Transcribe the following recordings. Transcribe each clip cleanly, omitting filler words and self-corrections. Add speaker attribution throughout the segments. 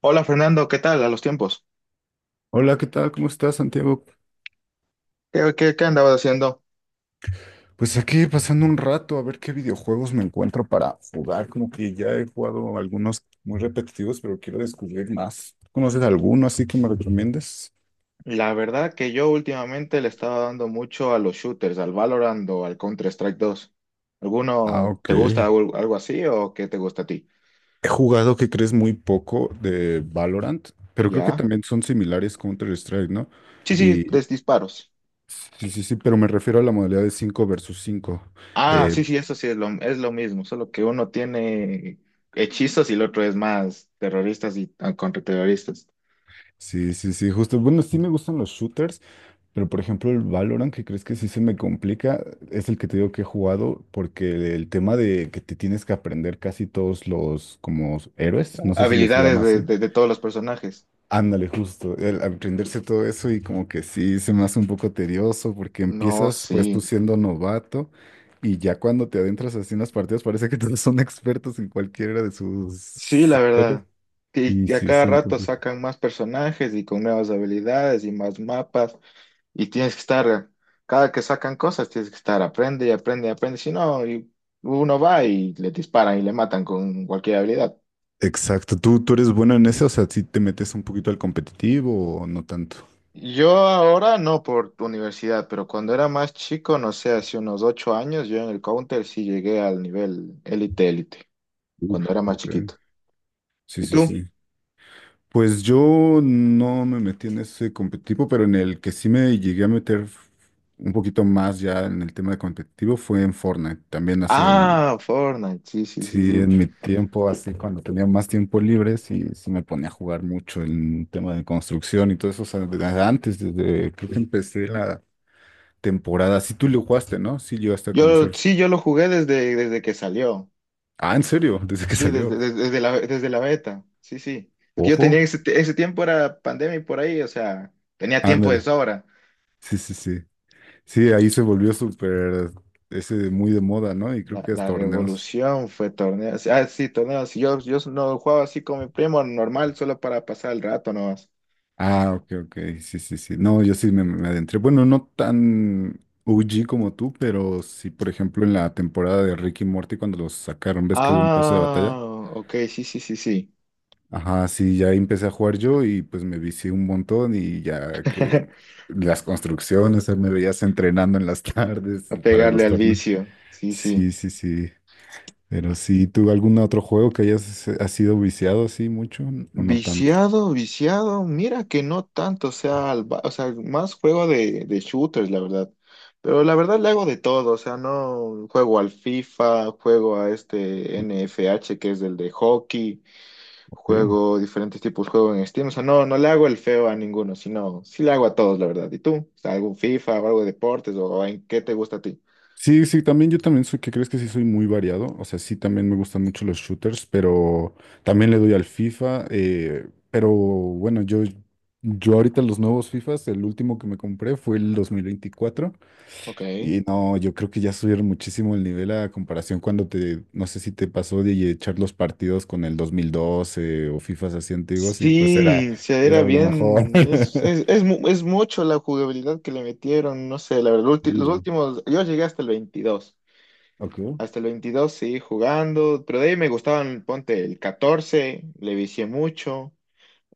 Speaker 1: Hola Fernando, ¿qué tal a los tiempos?
Speaker 2: Hola, ¿qué tal? ¿Cómo estás, Santiago?
Speaker 1: ¿Qué andabas haciendo?
Speaker 2: Pues aquí pasando un rato a ver qué videojuegos me encuentro para jugar. Como que ya he jugado algunos muy repetitivos, pero quiero descubrir más. ¿Conoces alguno así que me recomiendes?
Speaker 1: La verdad que yo últimamente le estaba dando mucho a los shooters, al Valorant o al Counter-Strike 2.
Speaker 2: Ah,
Speaker 1: ¿Alguno
Speaker 2: ok.
Speaker 1: te gusta
Speaker 2: He
Speaker 1: algo así o qué te gusta a ti?
Speaker 2: jugado, que crees, muy poco de Valorant, pero creo que
Speaker 1: ¿Ya?
Speaker 2: también son similares Counter-Strike, ¿no?
Speaker 1: Sí, sí,
Speaker 2: Y
Speaker 1: de disparos.
Speaker 2: sí, pero me refiero a la modalidad de 5 versus 5.
Speaker 1: Ah,
Speaker 2: Eh,
Speaker 1: sí, sí, eso sí es lo mismo, solo que uno tiene hechizos y el otro es más terroristas y contraterroristas.
Speaker 2: sí, sí, sí, justo. Bueno, sí me gustan los shooters. Pero por ejemplo, el Valorant, que crees que sí se me complica, es el que te digo que he jugado, porque el tema de que te tienes que aprender casi todos los como héroes, no sé si les
Speaker 1: Habilidades
Speaker 2: llamas,
Speaker 1: de,
Speaker 2: ¿eh?
Speaker 1: de, de todos los personajes.
Speaker 2: Ándale, justo, el aprenderse todo eso y como que sí se me hace un poco tedioso, porque
Speaker 1: No,
Speaker 2: empiezas
Speaker 1: sí.
Speaker 2: pues tú siendo novato y ya cuando te adentras así en las partidas parece que todos son expertos en cualquiera de
Speaker 1: Sí,
Speaker 2: sus
Speaker 1: la
Speaker 2: héroes.
Speaker 1: verdad. Y
Speaker 2: Y
Speaker 1: y a
Speaker 2: sí,
Speaker 1: cada
Speaker 2: sí me
Speaker 1: rato
Speaker 2: complica.
Speaker 1: sacan más personajes y con nuevas habilidades y más mapas. Y tienes que estar, cada que sacan cosas, tienes que estar, aprende y aprende y aprende. Si no, y uno va y le disparan y le matan con cualquier habilidad.
Speaker 2: Exacto, ¿tú eres bueno en eso? O sea, ¿si te metes un poquito al competitivo o no tanto?
Speaker 1: Yo ahora no por tu universidad, pero cuando era más chico, no sé, hace unos 8 años, yo en el Counter sí llegué al nivel élite, élite,
Speaker 2: Uf,
Speaker 1: cuando era más
Speaker 2: ok.
Speaker 1: chiquito.
Speaker 2: Sí,
Speaker 1: ¿Y
Speaker 2: sí,
Speaker 1: tú?
Speaker 2: sí. Pues yo no me metí en ese competitivo, pero en el que sí me llegué a meter un poquito más ya en el tema de competitivo fue en Fortnite. También hace,
Speaker 1: Ah, Fortnite, sí, sí, sí,
Speaker 2: sí,
Speaker 1: sí.
Speaker 2: en mi tiempo, así cuando tenía más tiempo libre, sí, sí me ponía a jugar mucho en tema de construcción y todo eso. O sea, desde antes, desde que empecé la temporada, sí tú lo jugaste, ¿no? Sí llegaste a
Speaker 1: Yo
Speaker 2: conocer.
Speaker 1: sí, yo lo jugué desde que salió.
Speaker 2: Ah, ¿en serio? Desde que
Speaker 1: Sí, desde,
Speaker 2: salió.
Speaker 1: desde, desde la, desde la beta. Sí, sí. Porque yo tenía
Speaker 2: Ojo.
Speaker 1: ese tiempo era pandemia y por ahí, o sea, tenía tiempo de
Speaker 2: Ándale.
Speaker 1: sobra.
Speaker 2: Sí, sí, sí. Sí, ahí se volvió súper ese de muy de moda, ¿no? Y creo
Speaker 1: La,
Speaker 2: que es
Speaker 1: la
Speaker 2: torneos.
Speaker 1: revolución fue torneo. Ah, sí, torneos. Yo no jugaba así con mi primo normal, solo para pasar el rato nomás.
Speaker 2: Ah, ok, ok, sí, sí, sí. No, yo sí me adentré. Bueno, no tan OG como tú, pero sí, por ejemplo, en la temporada de Ricky y Morty, cuando los sacaron, ¿ves que hubo un paso de
Speaker 1: Ah,
Speaker 2: batalla?
Speaker 1: ok, sí, sí, sí, sí.
Speaker 2: Ajá, sí, ya empecé a jugar yo y pues me vicié un montón y ya que las construcciones, o sea, me veías entrenando en las tardes
Speaker 1: A
Speaker 2: para
Speaker 1: pegarle
Speaker 2: los
Speaker 1: al
Speaker 2: torneos.
Speaker 1: vicio. Sí, sí.
Speaker 2: Sí, sí, sí. Pero sí, ¿tú algún otro juego que hayas has sido viciado así mucho o no tanto?
Speaker 1: Viciado, viciado, mira que no tanto, o sea, o sea, más juego de shooters, la verdad. Pero la verdad le hago de todo, o sea, no juego al FIFA, juego a este NFH que es el de hockey,
Speaker 2: Ok.
Speaker 1: juego diferentes tipos de juegos en Steam, o sea, no le hago el feo a ninguno, sino sí le hago a todos, la verdad. ¿Y tú? O sea, ¿algún FIFA o algo de deportes o en qué te gusta a ti?
Speaker 2: Sí, sí, también yo también soy, que crees que sí soy muy variado? O sea, sí también me gustan mucho los shooters, pero también le doy al FIFA. Pero bueno, yo ahorita los nuevos FIFAs, el último que me compré fue el 2024.
Speaker 1: Ok.
Speaker 2: Y no, yo creo que ya subieron muchísimo el nivel a comparación cuando te, no sé si te pasó de echar los partidos con el 2012 o FIFAs así antiguos y pues era,
Speaker 1: Sí, se era
Speaker 2: era lo mejor.
Speaker 1: bien, es, es, es, mu- es mucho la jugabilidad que le metieron, no sé, la verdad, los
Speaker 2: Sí,
Speaker 1: últimos, yo llegué hasta el veintidós
Speaker 2: ok.
Speaker 1: hasta el veintidós seguí jugando, pero de ahí me gustaban, ponte, el 14 le vicié mucho,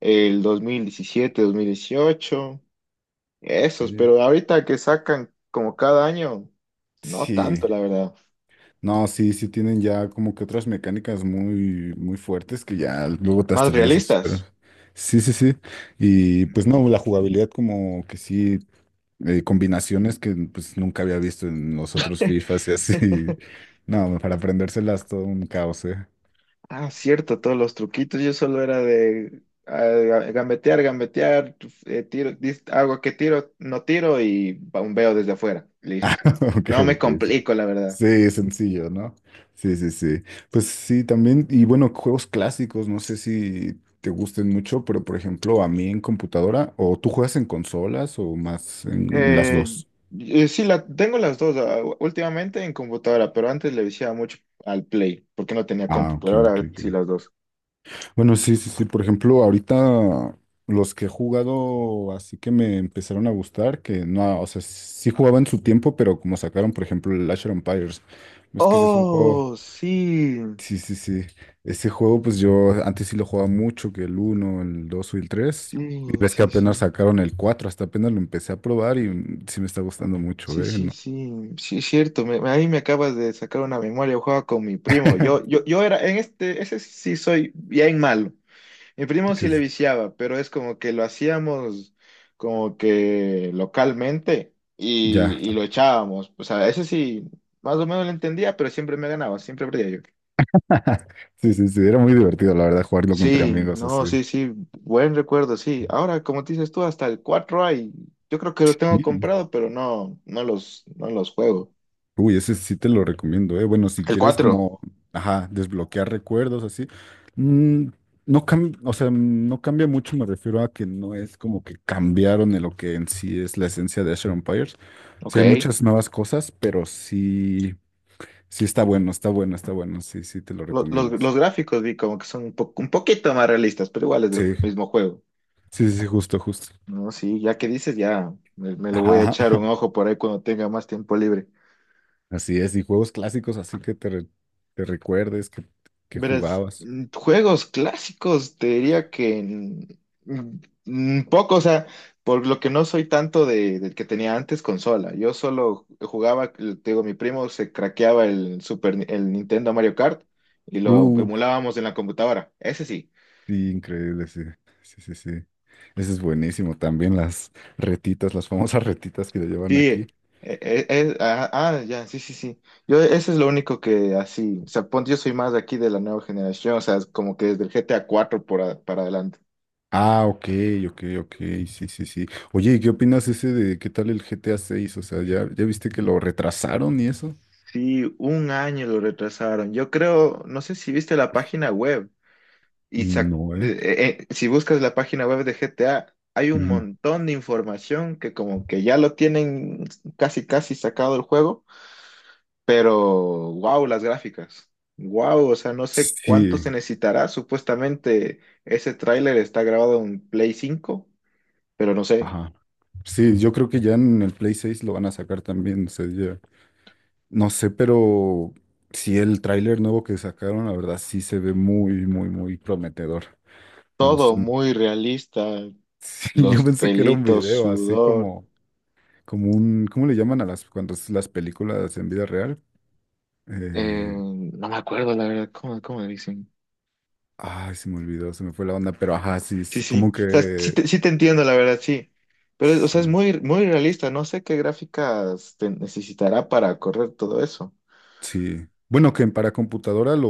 Speaker 1: el dos mil diecisiete 2018
Speaker 2: Sí.
Speaker 1: esos, pero ahorita que sacan como cada año, no
Speaker 2: Sí.
Speaker 1: tanto, la verdad,
Speaker 2: No, sí, sí tienen ya como que otras mecánicas muy, muy fuertes que ya luego te
Speaker 1: más
Speaker 2: hasta
Speaker 1: realistas.
Speaker 2: desesperas. Sí, sí, sí. Y pues
Speaker 1: Ujú.
Speaker 2: no, la jugabilidad como que sí, combinaciones que pues nunca había visto en los otros FIFAs y así. No, para aprendérselas todo un caos, ¿eh?
Speaker 1: Ah, cierto, todos los truquitos. Yo solo era de gambetear, gambetear, pues, hago que tiro, no tiro y bombeo desde afuera. Listo.
Speaker 2: Ok,
Speaker 1: No me
Speaker 2: ok. Sí,
Speaker 1: complico, la verdad.
Speaker 2: sí, sencillo, ¿no? Sí, sí, sí. Pues sí, también, y bueno, juegos clásicos, no sé si te gusten mucho, pero por ejemplo, a mí en computadora, ¿o tú juegas en consolas o más en las
Speaker 1: Eh,
Speaker 2: dos?
Speaker 1: y sí, tengo las dos, últimamente en computadora, pero antes le viciaba mucho al Play, porque no tenía
Speaker 2: Ah,
Speaker 1: compu,
Speaker 2: ok,
Speaker 1: pero
Speaker 2: ok,
Speaker 1: ahora
Speaker 2: ok.
Speaker 1: sí las dos.
Speaker 2: Bueno, sí, sí, sí. Por ejemplo, ahorita los que he jugado, así que me empezaron a gustar, que no, o sea, sí jugaba en su tiempo, pero como sacaron, por ejemplo, el Age of Empires, es que ese es un juego.
Speaker 1: Oh, sí,
Speaker 2: Sí, sí, sí. Ese juego, pues yo antes sí lo jugaba mucho, que el uno el 2 y el tres. Y
Speaker 1: sí,
Speaker 2: ves que
Speaker 1: sí,
Speaker 2: apenas
Speaker 1: sí.
Speaker 2: sacaron el 4 hasta apenas lo empecé a probar y mm, sí me está gustando mucho,
Speaker 1: Sí,
Speaker 2: ¿eh?
Speaker 1: sí,
Speaker 2: No.
Speaker 1: sí, sí, es cierto. Ahí me acabas de sacar una memoria. Yo jugaba con mi primo. Yo, yo, yo era en este, ese sí soy bien malo. Mi primo sí
Speaker 2: Sí,
Speaker 1: le
Speaker 2: sí.
Speaker 1: viciaba, pero es como que lo hacíamos como que localmente y,
Speaker 2: Ya.
Speaker 1: y lo echábamos. O sea, ese sí, más o menos lo entendía, pero siempre me ganaba, siempre perdía yo.
Speaker 2: Sí, sí, sí. Era muy divertido, la verdad, jugarlo entre
Speaker 1: Sí,
Speaker 2: amigos
Speaker 1: no,
Speaker 2: así.
Speaker 1: sí, sí, buen recuerdo, sí. Ahora, como te dices tú, hasta el 4 hay. Yo creo que los tengo comprado, pero no los juego.
Speaker 2: Uy, ese sí te lo recomiendo, ¿eh? Bueno, si
Speaker 1: El
Speaker 2: quieres
Speaker 1: 4
Speaker 2: como, ajá, desbloquear recuerdos así, mm, no cambia, o sea, no cambia mucho, me refiero a que no es como que cambiaron en lo que en sí es la esencia de Asher Empires.
Speaker 1: ok.
Speaker 2: Sí hay muchas nuevas cosas, pero sí, sí está bueno, está bueno, está bueno, sí, sí te lo
Speaker 1: Lo- Los,
Speaker 2: recomiendo.
Speaker 1: los gráficos vi como que son un poquito más realistas, pero igual es del
Speaker 2: Sí,
Speaker 1: mismo juego.
Speaker 2: sí, sí, justo, justo.
Speaker 1: No, sí, ya que dices, ya me lo voy a
Speaker 2: Ajá,
Speaker 1: echar un ojo por ahí cuando tenga más tiempo libre.
Speaker 2: así es, y juegos clásicos así que te, te recuerdes que
Speaker 1: Verás,
Speaker 2: jugabas.
Speaker 1: juegos clásicos, te diría que poco, o sea, por lo que no soy tanto del que tenía antes consola. Yo solo jugaba, te digo, mi primo se craqueaba el Nintendo Mario Kart y lo
Speaker 2: Uh,
Speaker 1: emulábamos en la computadora. Ese sí.
Speaker 2: Sí, increíble, sí. Sí, sí, sí. Ese es buenísimo. También las retitas, las famosas retitas que le
Speaker 1: Sí,
Speaker 2: llevan aquí.
Speaker 1: ya, sí, sí, sí. Yo, eso es lo único que así, o sea, ponte, yo soy más de aquí de la nueva generación, o sea, es como que desde el GTA 4 para adelante.
Speaker 2: Ah, ok, ok, ok. Sí, sí, sí. Oye, ¿y qué opinas ese de qué tal el GTA 6? O sea, ¿ya, ya viste que lo retrasaron y eso?
Speaker 1: Sí, un año lo retrasaron. Yo creo, no sé si viste la página web
Speaker 2: No, ¿eh?
Speaker 1: si buscas la página web de GTA, hay un
Speaker 2: Ujú.
Speaker 1: montón de información que como que ya lo tienen casi casi sacado el juego. Pero, wow, las gráficas. Wow, o sea, no sé cuánto se
Speaker 2: Sí,
Speaker 1: necesitará. Supuestamente ese tráiler está grabado en Play 5, pero no sé.
Speaker 2: ajá. Sí, yo creo que ya en el Play 6 lo van a sacar también. O sea, ya. No sé, pero sí, el tráiler nuevo que sacaron, la verdad, sí se ve muy, muy, muy prometedor. Me gustó.
Speaker 1: Todo muy realista,
Speaker 2: Sí, yo
Speaker 1: los
Speaker 2: pensé que era un
Speaker 1: pelitos,
Speaker 2: video, así
Speaker 1: sudor,
Speaker 2: como, como un, ¿cómo le llaman a las, cuando es las películas en vida real? Eh,
Speaker 1: no me acuerdo la verdad, ¿cómo le dicen?
Speaker 2: ay, se me olvidó, se me fue la onda, pero ajá, sí,
Speaker 1: Sí,
Speaker 2: sí,
Speaker 1: sí,
Speaker 2: como
Speaker 1: o sea, sí
Speaker 2: que,
Speaker 1: te, sí te entiendo la verdad, sí. Pero, o sea, es
Speaker 2: sí,
Speaker 1: muy, muy realista, no sé qué gráficas te necesitará para correr todo eso.
Speaker 2: sí. Bueno, que para computadora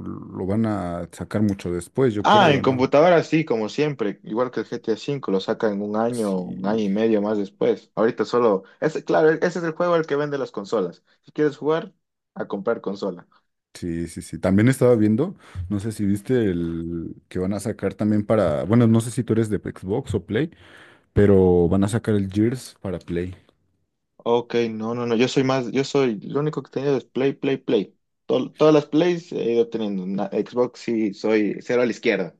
Speaker 2: lo van a sacar mucho después, yo
Speaker 1: Ah, en
Speaker 2: creo, ¿no?
Speaker 1: computadora sí, como siempre, igual que el GTA V, lo sacan un
Speaker 2: Sí,
Speaker 1: año y medio más después. Ahorita solo, ese, claro, ese es el juego al que vende las consolas. Si quieres jugar, a comprar consola.
Speaker 2: sí, sí, sí. También estaba viendo, no sé si viste el que van a sacar también para, bueno, no sé si tú eres de Xbox o Play, pero van a sacar el Gears para Play.
Speaker 1: Ok, no, no, no, yo soy más, yo soy, lo único que he tenido es Play, Play, Play. Todas las Plays he ido teniendo. Xbox sí, soy cero a la izquierda.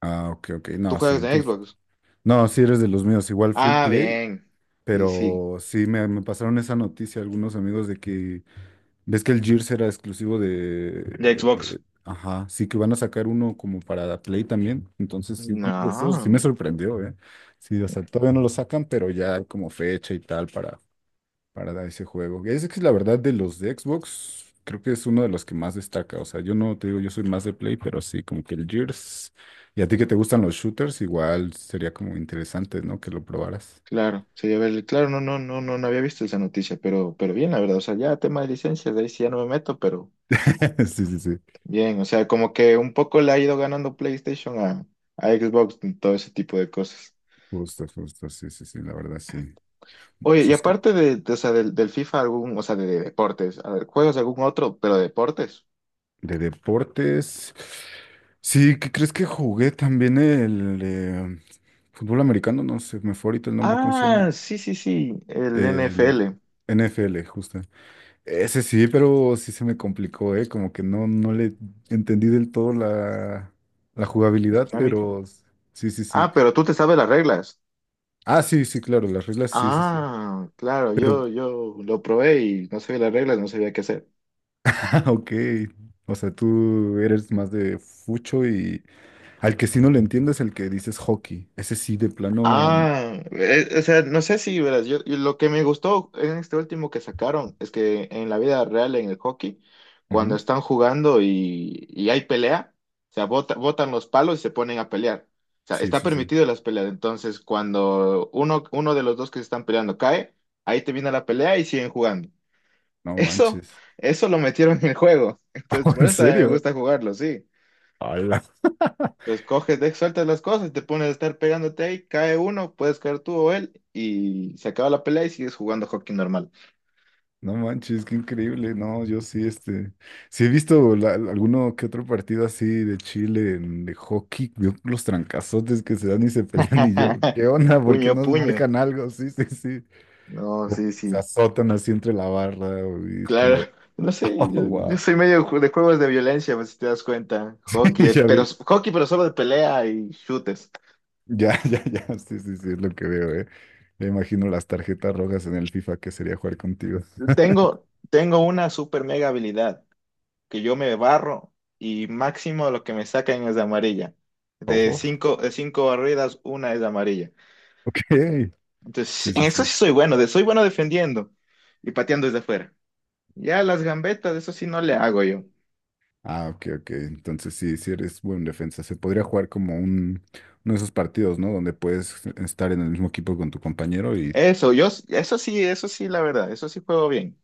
Speaker 2: Ah, ok, ok.
Speaker 1: ¿Tú
Speaker 2: No, sí,
Speaker 1: juegas de Xbox?
Speaker 2: no, sí eres de los míos, igual full
Speaker 1: Ah,
Speaker 2: play,
Speaker 1: bien. Sí, sí.
Speaker 2: pero sí me pasaron esa noticia algunos amigos de que ves que el Gears era exclusivo
Speaker 1: ¿De
Speaker 2: de,
Speaker 1: Xbox?
Speaker 2: ajá, sí que van a sacar uno como para Play también, entonces sí como que eso sí me
Speaker 1: No.
Speaker 2: sorprendió, ¿eh? Sí, o sea, todavía no lo sacan, pero ya hay como fecha y tal para ese juego. Es que la verdad de los de Xbox, creo que es uno de los que más destaca. O sea, yo no te digo, yo soy más de Play, pero sí, como que el Gears. Y a ti que te gustan los shooters, igual sería como interesante, ¿no? Que lo probaras.
Speaker 1: Claro, sería verle. Claro, no, no, no, no, no había visto esa noticia, pero bien, la verdad. O sea, ya tema de licencias, de ahí sí ya no me meto, pero
Speaker 2: Sí, sí, sí.
Speaker 1: bien. O sea, como que un poco le ha ido ganando PlayStation a Xbox en todo ese tipo de cosas.
Speaker 2: Justo, justo, sí, sí, sí, la verdad, sí.
Speaker 1: Oye, y
Speaker 2: Sus co-
Speaker 1: aparte o sea, del FIFA, algún, o sea, de deportes, a ver, ¿juegas algún otro, pero de deportes?
Speaker 2: de deportes. Sí, ¿qué crees que jugué también el fútbol americano? No sé, me fue ahorita el nombre, ¿cómo se
Speaker 1: Ah,
Speaker 2: llama?
Speaker 1: sí, sí, sí, el
Speaker 2: El
Speaker 1: NFL,
Speaker 2: NFL, justo. Ese sí, pero sí se me complicó, ¿eh? Como que no, no le entendí del todo la, la
Speaker 1: la
Speaker 2: jugabilidad,
Speaker 1: dinámica.
Speaker 2: pero sí, sí, sí.
Speaker 1: Ah, pero tú te sabes las reglas.
Speaker 2: Ah, sí, sí, claro, las reglas, sí, sí, sí.
Speaker 1: Ah, claro,
Speaker 2: Pero,
Speaker 1: yo lo probé y no sabía las reglas, no sabía qué hacer.
Speaker 2: ah, ok. O sea, tú eres más de fucho y al que sí no le entiendes, el que dices hockey. Ese sí, de plano.
Speaker 1: Ah, o sea, no sé si verás, yo lo que me gustó en este último que sacaron es que en la vida real, en el hockey, cuando
Speaker 2: Ujú,
Speaker 1: están jugando y hay pelea, o sea, botan los palos y se ponen a pelear. O sea,
Speaker 2: sí,
Speaker 1: está
Speaker 2: sí, sí.
Speaker 1: permitido las peleas. Entonces, cuando uno de los dos que se están peleando cae, ahí termina la pelea y siguen jugando.
Speaker 2: No
Speaker 1: Eso,
Speaker 2: manches.
Speaker 1: eso lo metieron en el juego. Entonces, por
Speaker 2: ¿En
Speaker 1: eso también me
Speaker 2: serio?
Speaker 1: gusta jugarlo, sí.
Speaker 2: Hola.
Speaker 1: Entonces coges, sueltas las cosas, y te pones a estar pegándote ahí, cae uno, puedes caer tú o él, y se acaba la pelea y sigues jugando hockey normal.
Speaker 2: No manches, qué increíble. No, yo sí, este, sí he visto alguno que otro partido así de Chile, de hockey, veo los trancazotes que se dan y se pelean y yo, ¿qué onda? ¿Por qué
Speaker 1: Puño, a
Speaker 2: nos
Speaker 1: puño.
Speaker 2: marcan algo? Sí, sí, sí.
Speaker 1: No,
Speaker 2: O
Speaker 1: sí,
Speaker 2: se
Speaker 1: sí.
Speaker 2: azotan así entre la barra y es
Speaker 1: Claro.
Speaker 2: como de,
Speaker 1: No sé, yo,
Speaker 2: oh,
Speaker 1: yo
Speaker 2: wow.
Speaker 1: soy medio de juegos de violencia, pues, si te das cuenta. Hockey,
Speaker 2: Y ya vi,
Speaker 1: pero solo de pelea y chutes.
Speaker 2: ya, ya, ya, sí, sí, sí, es lo que veo, ¿eh? Me imagino las tarjetas rojas en el FIFA que sería jugar contigo.
Speaker 1: Tengo una super mega habilidad, que yo me barro y máximo lo que me sacan es de amarilla. De
Speaker 2: Ojo,
Speaker 1: cinco, de cinco barridas, una es de amarilla.
Speaker 2: ok.
Speaker 1: Entonces, sí,
Speaker 2: Sí,
Speaker 1: en
Speaker 2: sí,
Speaker 1: eso
Speaker 2: sí.
Speaker 1: sí soy bueno, soy bueno defendiendo y pateando desde afuera. Ya las gambetas, eso sí no le hago yo.
Speaker 2: Ah, ok, ok. Entonces sí, sí eres buen defensa. Se podría jugar como un, uno de esos partidos, ¿no? Donde puedes estar en el mismo equipo con tu compañero y...
Speaker 1: Eso sí, la verdad, eso sí juego bien.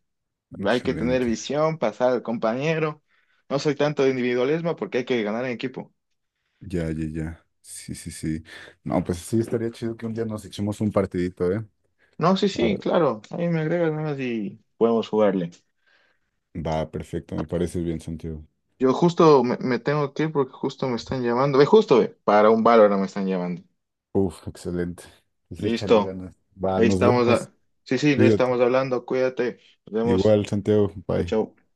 Speaker 1: Hay que tener
Speaker 2: Excelente.
Speaker 1: visión, pasar al compañero. No soy tanto de individualismo porque hay que ganar en equipo.
Speaker 2: Ya, ya, ya. Sí, sí, sí. No, pues sí, estaría chido que un día nos echemos un partidito, ¿eh?
Speaker 1: No, sí,
Speaker 2: A
Speaker 1: sí,
Speaker 2: ver.
Speaker 1: claro. Ahí me agregas nomás y podemos jugarle.
Speaker 2: Va, perfecto, me parece bien, Santiago.
Speaker 1: Yo justo me tengo que ir porque justo me están llamando. Para un Valorant me están llamando.
Speaker 2: Uf, excelente. Pues échale
Speaker 1: Listo.
Speaker 2: ganas. Va,
Speaker 1: Ahí
Speaker 2: nos
Speaker 1: estamos.
Speaker 2: vemos.
Speaker 1: Sí, sí, le
Speaker 2: Cuídate.
Speaker 1: estamos hablando. Cuídate. Nos vemos.
Speaker 2: Igual, Santiago.
Speaker 1: Chao,
Speaker 2: Bye.
Speaker 1: chao.